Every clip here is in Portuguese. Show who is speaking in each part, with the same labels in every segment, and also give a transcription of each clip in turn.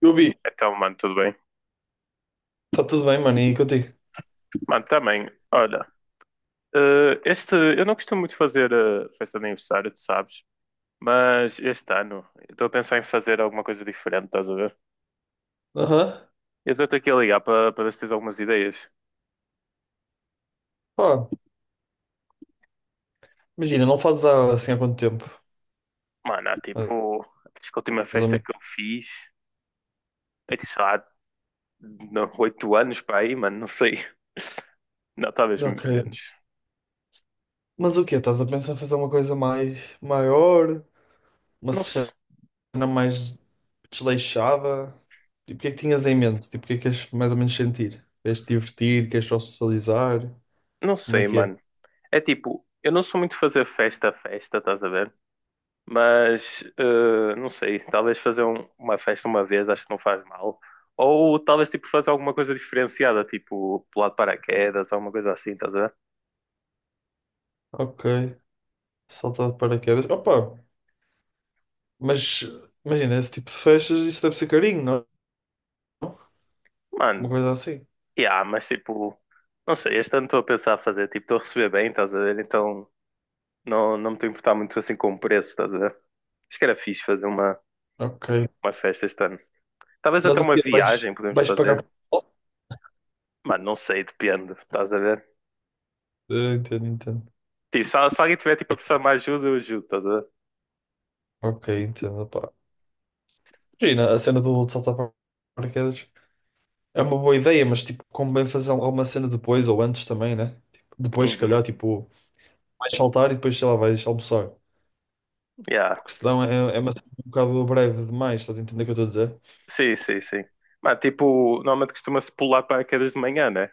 Speaker 1: Eu vi.
Speaker 2: Então, mano, tudo bem?
Speaker 1: Está tudo bem, mano, e contigo?
Speaker 2: Mano, também, olha, este, eu não costumo muito fazer festa de aniversário, tu sabes, mas este ano eu estou a pensar em fazer alguma coisa diferente, estás a ver?
Speaker 1: Aham.
Speaker 2: Eu estou aqui a ligar para ver se tens algumas ideias.
Speaker 1: Pá, imagina, não fazes há assim há quanto tempo?
Speaker 2: Mano, há
Speaker 1: Mais
Speaker 2: tipo, acho que a última
Speaker 1: ou
Speaker 2: festa que
Speaker 1: menos.
Speaker 2: eu fiz, é de, sei lá, não, 8 anos para aí, mano, não sei. Não, talvez menos.
Speaker 1: Ok. Mas o quê? Estás a pensar em fazer uma coisa mais maior? Uma
Speaker 2: Não,
Speaker 1: cena
Speaker 2: se-
Speaker 1: mais desleixada? E o que é que tinhas em mente? Tipo, o que é que queres mais ou menos sentir? Queres te divertir? Queres só socializar?
Speaker 2: não
Speaker 1: Como é
Speaker 2: sei,
Speaker 1: que é?
Speaker 2: mano. É tipo, eu não sou muito fazer festa a festa, estás a ver? Mas não sei, talvez fazer uma festa uma vez acho que não faz mal. Ou talvez tipo fazer alguma coisa diferenciada, tipo pular de paraquedas, alguma coisa assim, estás a ver?
Speaker 1: Ok. Saltar de paraquedas. Opa, mas imagina, esse tipo de festas, isso deve ser carinho, não? Uma
Speaker 2: Mano,
Speaker 1: coisa assim.
Speaker 2: yeah, mas tipo, não sei, este ano estou a pensar a fazer, tipo, estou a receber bem, estás a ver? Então não me estou a importar muito assim com o preço, estás a ver? Acho que era fixe fazer
Speaker 1: Ok.
Speaker 2: uma festa este ano. Talvez até
Speaker 1: Mas o
Speaker 2: uma
Speaker 1: quê? Vais,
Speaker 2: viagem podemos
Speaker 1: vais pagar?
Speaker 2: fazer. Mano, não sei, depende, estás a ver?
Speaker 1: Eu entendo, entendo.
Speaker 2: Sim, só, se alguém tiver tipo a precisar de uma ajuda, eu ajudo, estás a ver?
Speaker 1: Ok, entendo, pá. Imagina, a cena do de saltar para paraquedas é uma boa ideia, mas tipo, como bem fazer alguma cena depois ou antes também, né? Tipo, depois, se
Speaker 2: Uhum.
Speaker 1: calhar, tipo, vais saltar e depois, sei lá, vais almoçar.
Speaker 2: Yeah.
Speaker 1: Porque senão é uma cena um bocado breve demais, estás a entender o que eu estou a dizer?
Speaker 2: Sim, sim, sim. Mas tipo, normalmente costuma-se pular paraquedas de manhã, né?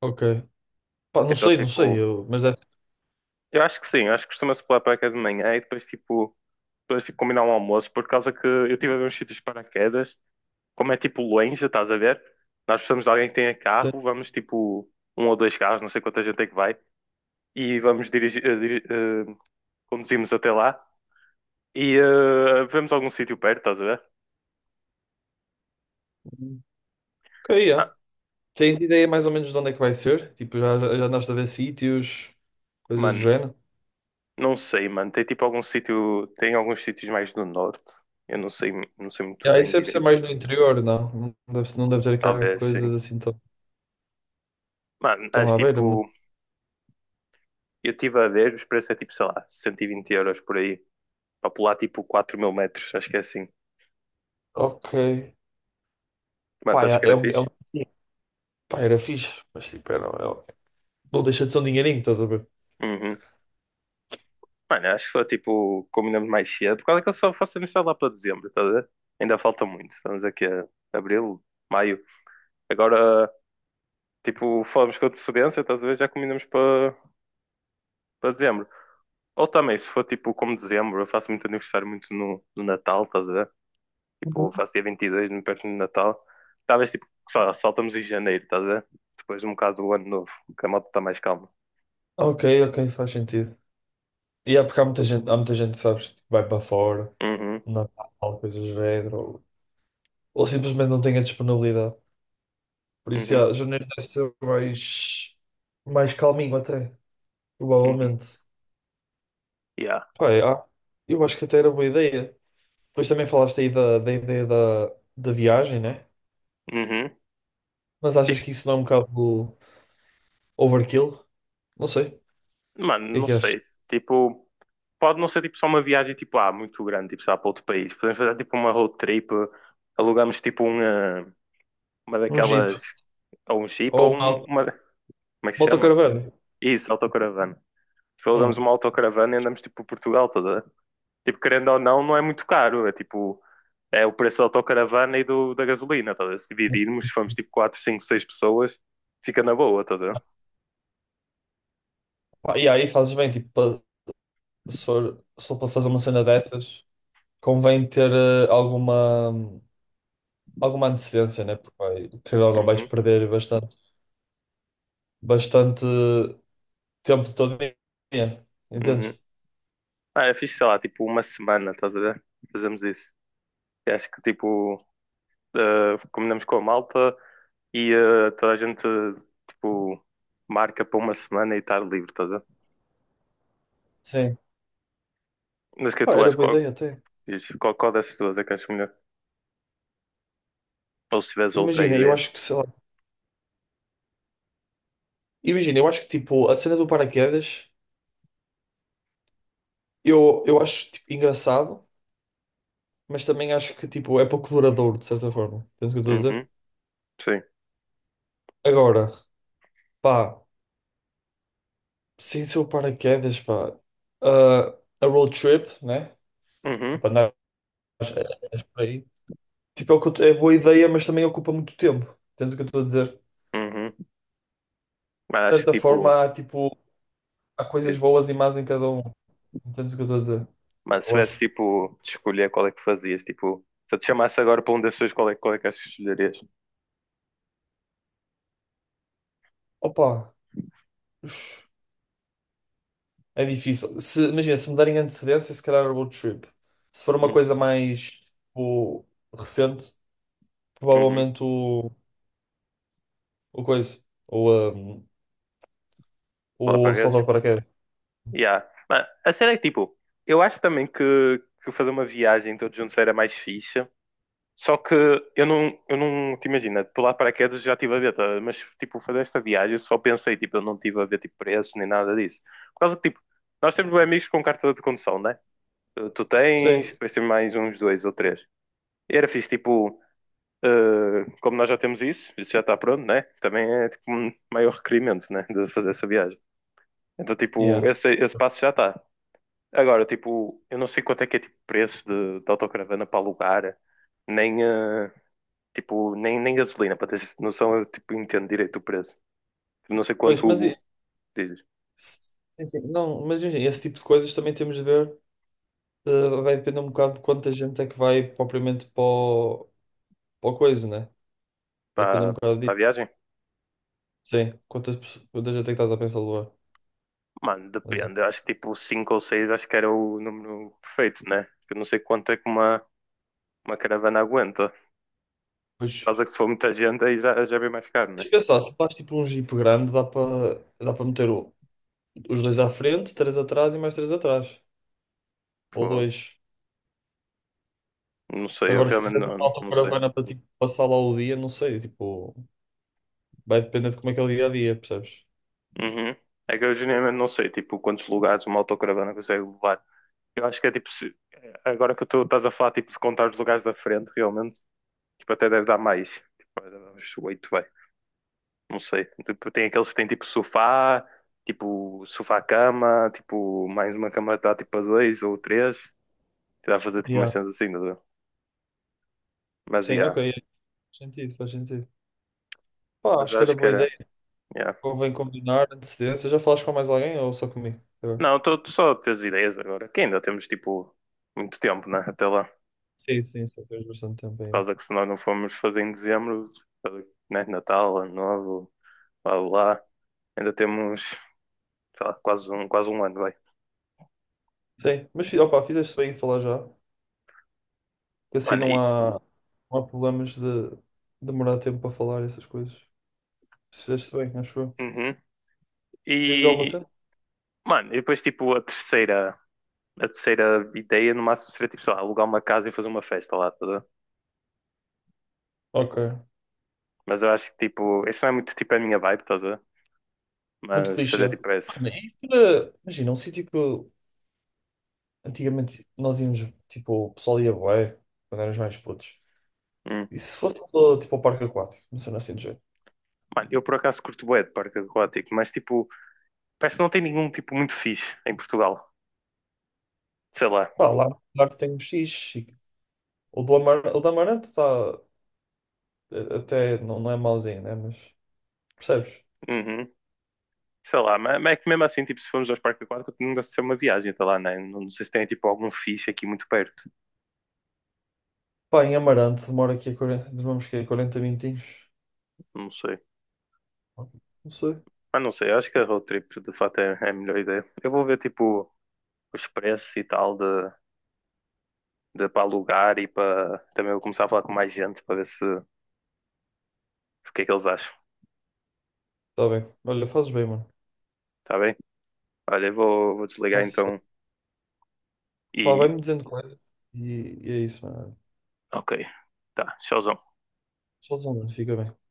Speaker 1: Ok. Pá, não
Speaker 2: Então
Speaker 1: sei, não sei,
Speaker 2: tipo,
Speaker 1: eu, mas deve
Speaker 2: eu acho que sim, eu acho que costuma-se pular paraquedas de manhã e depois tipo combinar um almoço, por causa que eu tive a ver uns sítios de paraquedas, como é tipo longe, estás a ver? Nós precisamos de alguém que tenha
Speaker 1: ser.
Speaker 2: carro, vamos tipo um ou dois carros, não sei quanta gente é que vai, e vamos dirigir, conduzimos até lá e vemos algum sítio perto, estás a ver?
Speaker 1: Ok,
Speaker 2: Ma-
Speaker 1: yeah. Tens ideia mais ou menos de onde é que vai ser? Tipo, já andaste a ver sítios, coisas do
Speaker 2: Mano,
Speaker 1: género?
Speaker 2: não sei, mano. Tem tipo algum sítio, tem alguns sítios mais do norte. Eu não sei, não sei muito
Speaker 1: Yeah,
Speaker 2: bem
Speaker 1: isso deve ser
Speaker 2: direito.
Speaker 1: mais no interior, não? Não deve ter cá
Speaker 2: Talvez sim.
Speaker 1: coisas assim.
Speaker 2: Mano,
Speaker 1: Estão
Speaker 2: mas
Speaker 1: à
Speaker 2: tipo,
Speaker 1: beira-me.
Speaker 2: eu estive a ver, os preços é tipo, sei lá, 120 euros por aí, para pular tipo 4000 metros, acho que é assim.
Speaker 1: Ok.
Speaker 2: Mano,
Speaker 1: Pá,
Speaker 2: tu achas que
Speaker 1: é, é
Speaker 2: era
Speaker 1: um. É um...
Speaker 2: fixe?
Speaker 1: Pá, era fixe, mas tipo, era, não deixa de ser um dinheirinho, estás a ver?
Speaker 2: Uhum. Mano, acho que foi tipo, combinamos mais cedo, por causa que eu só faço amizade lá para dezembro, estás a ver? Ainda falta muito, estamos aqui a abril, maio. Agora, tipo, falamos com antecedência, estás a ver? Já combinamos para dezembro. Ou também, se for tipo como dezembro, eu faço muito aniversário muito no Natal, estás a ver? Tipo, eu
Speaker 1: Uhum.
Speaker 2: faço dia 22, muito perto do Natal. Talvez tipo, sei lá, saltamos em janeiro, estás a ver? Depois um bocado do ano novo, que a moto está mais calma.
Speaker 1: Ok, ok, faz sentido. E é porque há muita gente, sabes, tipo, vai para fora,
Speaker 2: Uhum,
Speaker 1: Natal, coisas do género, ou simplesmente não tem a disponibilidade. Por isso,
Speaker 2: uhum,
Speaker 1: já, janeiro deve ser mais, mais calminho até,
Speaker 2: uhum.
Speaker 1: provavelmente.
Speaker 2: Yeah.
Speaker 1: Pá, eu acho que até era boa ideia. Depois também falaste aí da, da ideia da, da viagem, né?
Speaker 2: Uhum.
Speaker 1: Mas achas
Speaker 2: Tipo,
Speaker 1: que isso não é um bocado overkill? Não sei. O
Speaker 2: mano,
Speaker 1: que é
Speaker 2: não
Speaker 1: que achas?
Speaker 2: sei. Tipo, pode não ser tipo só uma viagem tipo, ah, muito grande, tipo, sei lá, para outro país. Podemos fazer tipo uma road trip, alugamos tipo uma
Speaker 1: Um Jeep
Speaker 2: daquelas, ou um Jeep,
Speaker 1: ou
Speaker 2: ou
Speaker 1: uma
Speaker 2: uma, como é que se chama?
Speaker 1: autocaravana?
Speaker 2: Isso, autocaravana. Tipo, alugamos
Speaker 1: Hum.
Speaker 2: uma autocaravana e andamos tipo por Portugal toda. Tipo, querendo ou não, não é muito caro. É tipo, é o preço da autocaravana e da gasolina, tá? A ver? Se dividirmos, se formos tipo 4, 5, 6 pessoas, fica na boa, estás a ver?
Speaker 1: Pá, e aí fazes bem, tipo, se for, se for para fazer uma cena dessas, convém ter alguma, alguma antecedência, né? Porque vai, querendo ou não vais
Speaker 2: Uhum,
Speaker 1: perder bastante, bastante tempo todo dia,
Speaker 2: uhum.
Speaker 1: entendes?
Speaker 2: Ah, eu fiz, sei lá, tipo uma semana, estás a ver? Fazemos isso. E acho que tipo, combinamos com a malta e toda a gente tipo marca para uma semana e estar livre, tá?
Speaker 1: Sim.
Speaker 2: Mas o que é que
Speaker 1: Pá,
Speaker 2: tu
Speaker 1: era
Speaker 2: achas?
Speaker 1: boa
Speaker 2: Qual,
Speaker 1: ideia até.
Speaker 2: diz, qual dessas duas é que achas melhor? Ou se tiveres outra
Speaker 1: Imagina, eu
Speaker 2: ideia?
Speaker 1: acho que, sei lá, imagina, eu acho que tipo, a cena do paraquedas, eu acho tipo, engraçado, mas também acho que tipo, é pouco duradouro, de certa forma. Entendes o que eu estou a
Speaker 2: Uhum,
Speaker 1: dizer?
Speaker 2: sim.
Speaker 1: Agora, pá, sem ser o paraquedas, pá, ah, a road trip, né?
Speaker 2: Uhum,
Speaker 1: Tipo, andar por aí. Tipo, é, o que eu t- é boa ideia, mas também ocupa muito tempo. Entendes o que eu estou a dizer?
Speaker 2: uhum. Mas
Speaker 1: De
Speaker 2: acho
Speaker 1: certa
Speaker 2: que tipo,
Speaker 1: forma, há, tipo, há coisas
Speaker 2: diz-
Speaker 1: boas e más em cada um. Entendes o que eu estou a dizer?
Speaker 2: mano, se
Speaker 1: Eu
Speaker 2: tivesse
Speaker 1: acho.
Speaker 2: tipo de escolher qual é que fazias, tipo, se eu te chamasse agora para um desses, dois, qual é que achas que escolherias?
Speaker 1: Opa, ux, é difícil. Se, imagina, se me derem antecedência, se calhar a road trip. Se for uma
Speaker 2: Uhum,
Speaker 1: coisa mais, tipo, recente,
Speaker 2: uhum.
Speaker 1: provavelmente o coisa. Ou,
Speaker 2: Lá para
Speaker 1: o
Speaker 2: redes?
Speaker 1: salto de paraquedas.
Speaker 2: Yeah. Mano, a cena é que tipo, eu acho também que fazer uma viagem todos juntos era mais fixe. Só que eu não te imagina, pular de paraquedas já estive a ver, tá? Mas tipo, fazer esta viagem só pensei, tipo, eu não estive a ver tipo, preços nem nada disso. Por causa que, tipo, nós temos bem amigos com carta de condução, né? Tu tens,
Speaker 1: Sim.
Speaker 2: depois tem mais uns dois ou três. E era fixe, tipo, como nós já temos isso, isso já está pronto, né? Também é tipo um maior requerimento, né? De fazer essa viagem. Então, tipo,
Speaker 1: Yeah.
Speaker 2: esse passo já está. Agora, tipo, eu não sei quanto é que é tipo preço de autocaravana para alugar, nem, eh, tipo, nem gasolina, para teres noção, eu tipo, entendo direito o preço. Não sei
Speaker 1: Pois,
Speaker 2: quanto o dizes.
Speaker 1: sim, sim, não, mas enfim, esse tipo de coisas também temos de ver. Vai depender um bocado de quanta gente é que vai propriamente para o coisa, né? Vai depender um
Speaker 2: Para,
Speaker 1: bocado
Speaker 2: para a
Speaker 1: disso.
Speaker 2: viagem?
Speaker 1: Sim, quanta gente é que estás a pensar levar.
Speaker 2: Mano,
Speaker 1: Mas,
Speaker 2: depende. Eu acho que tipo cinco ou seis acho que era o número perfeito, né? Eu não sei quanto é que uma caravana aguenta.
Speaker 1: pois,
Speaker 2: Caso que se for muita gente aí já, já é bem mais caro,
Speaker 1: tens
Speaker 2: né?
Speaker 1: de pensar, se faz tipo um jeep grande, dá para os dois à frente, três atrás e mais três atrás. Ou
Speaker 2: Pô,
Speaker 1: dois.
Speaker 2: não sei, eu
Speaker 1: Agora, se
Speaker 2: realmente
Speaker 1: quiser ter uma
Speaker 2: não sei.
Speaker 1: autocaravana para tipo, passar lá o dia, não sei, tipo, vai depender de como é que é o dia a dia, percebes?
Speaker 2: Uhum. É que eu genuinamente não sei, tipo, quantos lugares uma autocaravana consegue levar. Eu acho que é tipo, agora que tu estás a falar tipo, de contar os lugares da frente, realmente, tipo, até deve dar mais. Tipo, deve dar uns oito, vai. Não sei. Tipo, tem aqueles que têm tipo sofá, tipo sofá-cama, tipo mais uma cama dá tipo a dois ou três. Que dá a fazer tipo umas
Speaker 1: Yeah.
Speaker 2: cenas assim, não dá? Mas
Speaker 1: Sim, ok,
Speaker 2: yeah.
Speaker 1: faz sentido, faz sentido. Pá,
Speaker 2: Mas
Speaker 1: acho que era
Speaker 2: acho que
Speaker 1: boa
Speaker 2: era.
Speaker 1: ideia.
Speaker 2: Yeah.
Speaker 1: Convém combinar antecedência. Já falaste com mais alguém ou só comigo? Eu-
Speaker 2: Não, estou só a ter as ideias agora, que ainda temos tipo muito tempo, né? Até lá.
Speaker 1: Sim, sim, só tens bastante tempo
Speaker 2: Por
Speaker 1: aí.
Speaker 2: causa que se nós não formos fazer em dezembro, né? Natal, Ano Novo, lá, lá, ainda temos. Sei lá, quase um ano, vai.
Speaker 1: Sim, opá, fizeste bem em falar já, que assim
Speaker 2: Mano,
Speaker 1: não
Speaker 2: e,
Speaker 1: há, não há problemas de demorar tempo para falar essas coisas. Fizeste bem, acho eu.
Speaker 2: uhum.
Speaker 1: Queres dizer alguma
Speaker 2: E,
Speaker 1: cena?
Speaker 2: mano, e depois, tipo, a terceira ideia, no máximo, seria, tipo, sei lá, alugar uma casa e fazer uma festa lá, estás a ver?
Speaker 1: Ok.
Speaker 2: Mas eu acho que, tipo, isso não é muito, tipo, a minha vibe, estás a ver?
Speaker 1: Muito
Speaker 2: Mas
Speaker 1: clichê.
Speaker 2: seria, tipo, essa.
Speaker 1: Mano, imagina, antigamente nós íamos, tipo, o pessoal ia bué, quando éramos mais putos.
Speaker 2: Hum.
Speaker 1: E se fosse só, tipo ao parque aquático, uma cena assim do jeito?
Speaker 2: Mano, eu por acaso curto bué de parque aquático, mas, tipo, parece que não tem nenhum, tipo, muito fixe em Portugal. Sei lá.
Speaker 1: Pá, lá que tem um X. O do Amar... o do Amarante está até, não, não é mauzinho, né? Mas percebes?
Speaker 2: Uhum. Mas é que mesmo assim, tipo, se formos aos parques aquáticos, não deve ser uma viagem, tá lá, né? Não sei se tem, tipo, algum fixe aqui muito perto.
Speaker 1: Pá, em Amarante demora aqui a 40... demoramos que 40 minutinhos.
Speaker 2: Não sei.
Speaker 1: Não sei.
Speaker 2: Mas não sei, acho que a road trip de fato é a melhor ideia. Eu vou ver tipo os preços e tal de para alugar e para também vou começar a falar com mais gente para ver se o que é que eles acham.
Speaker 1: Está bem. Olha, fazes bem, mano.
Speaker 2: Tá bem? Olha, vou desligar
Speaker 1: Faz-
Speaker 2: então
Speaker 1: Pá,
Speaker 2: e
Speaker 1: vai-me dizendo coisas e, e é isso, mano.
Speaker 2: ok. Tá, tchauzão.
Speaker 1: Tchauzão, mano. Fica bem.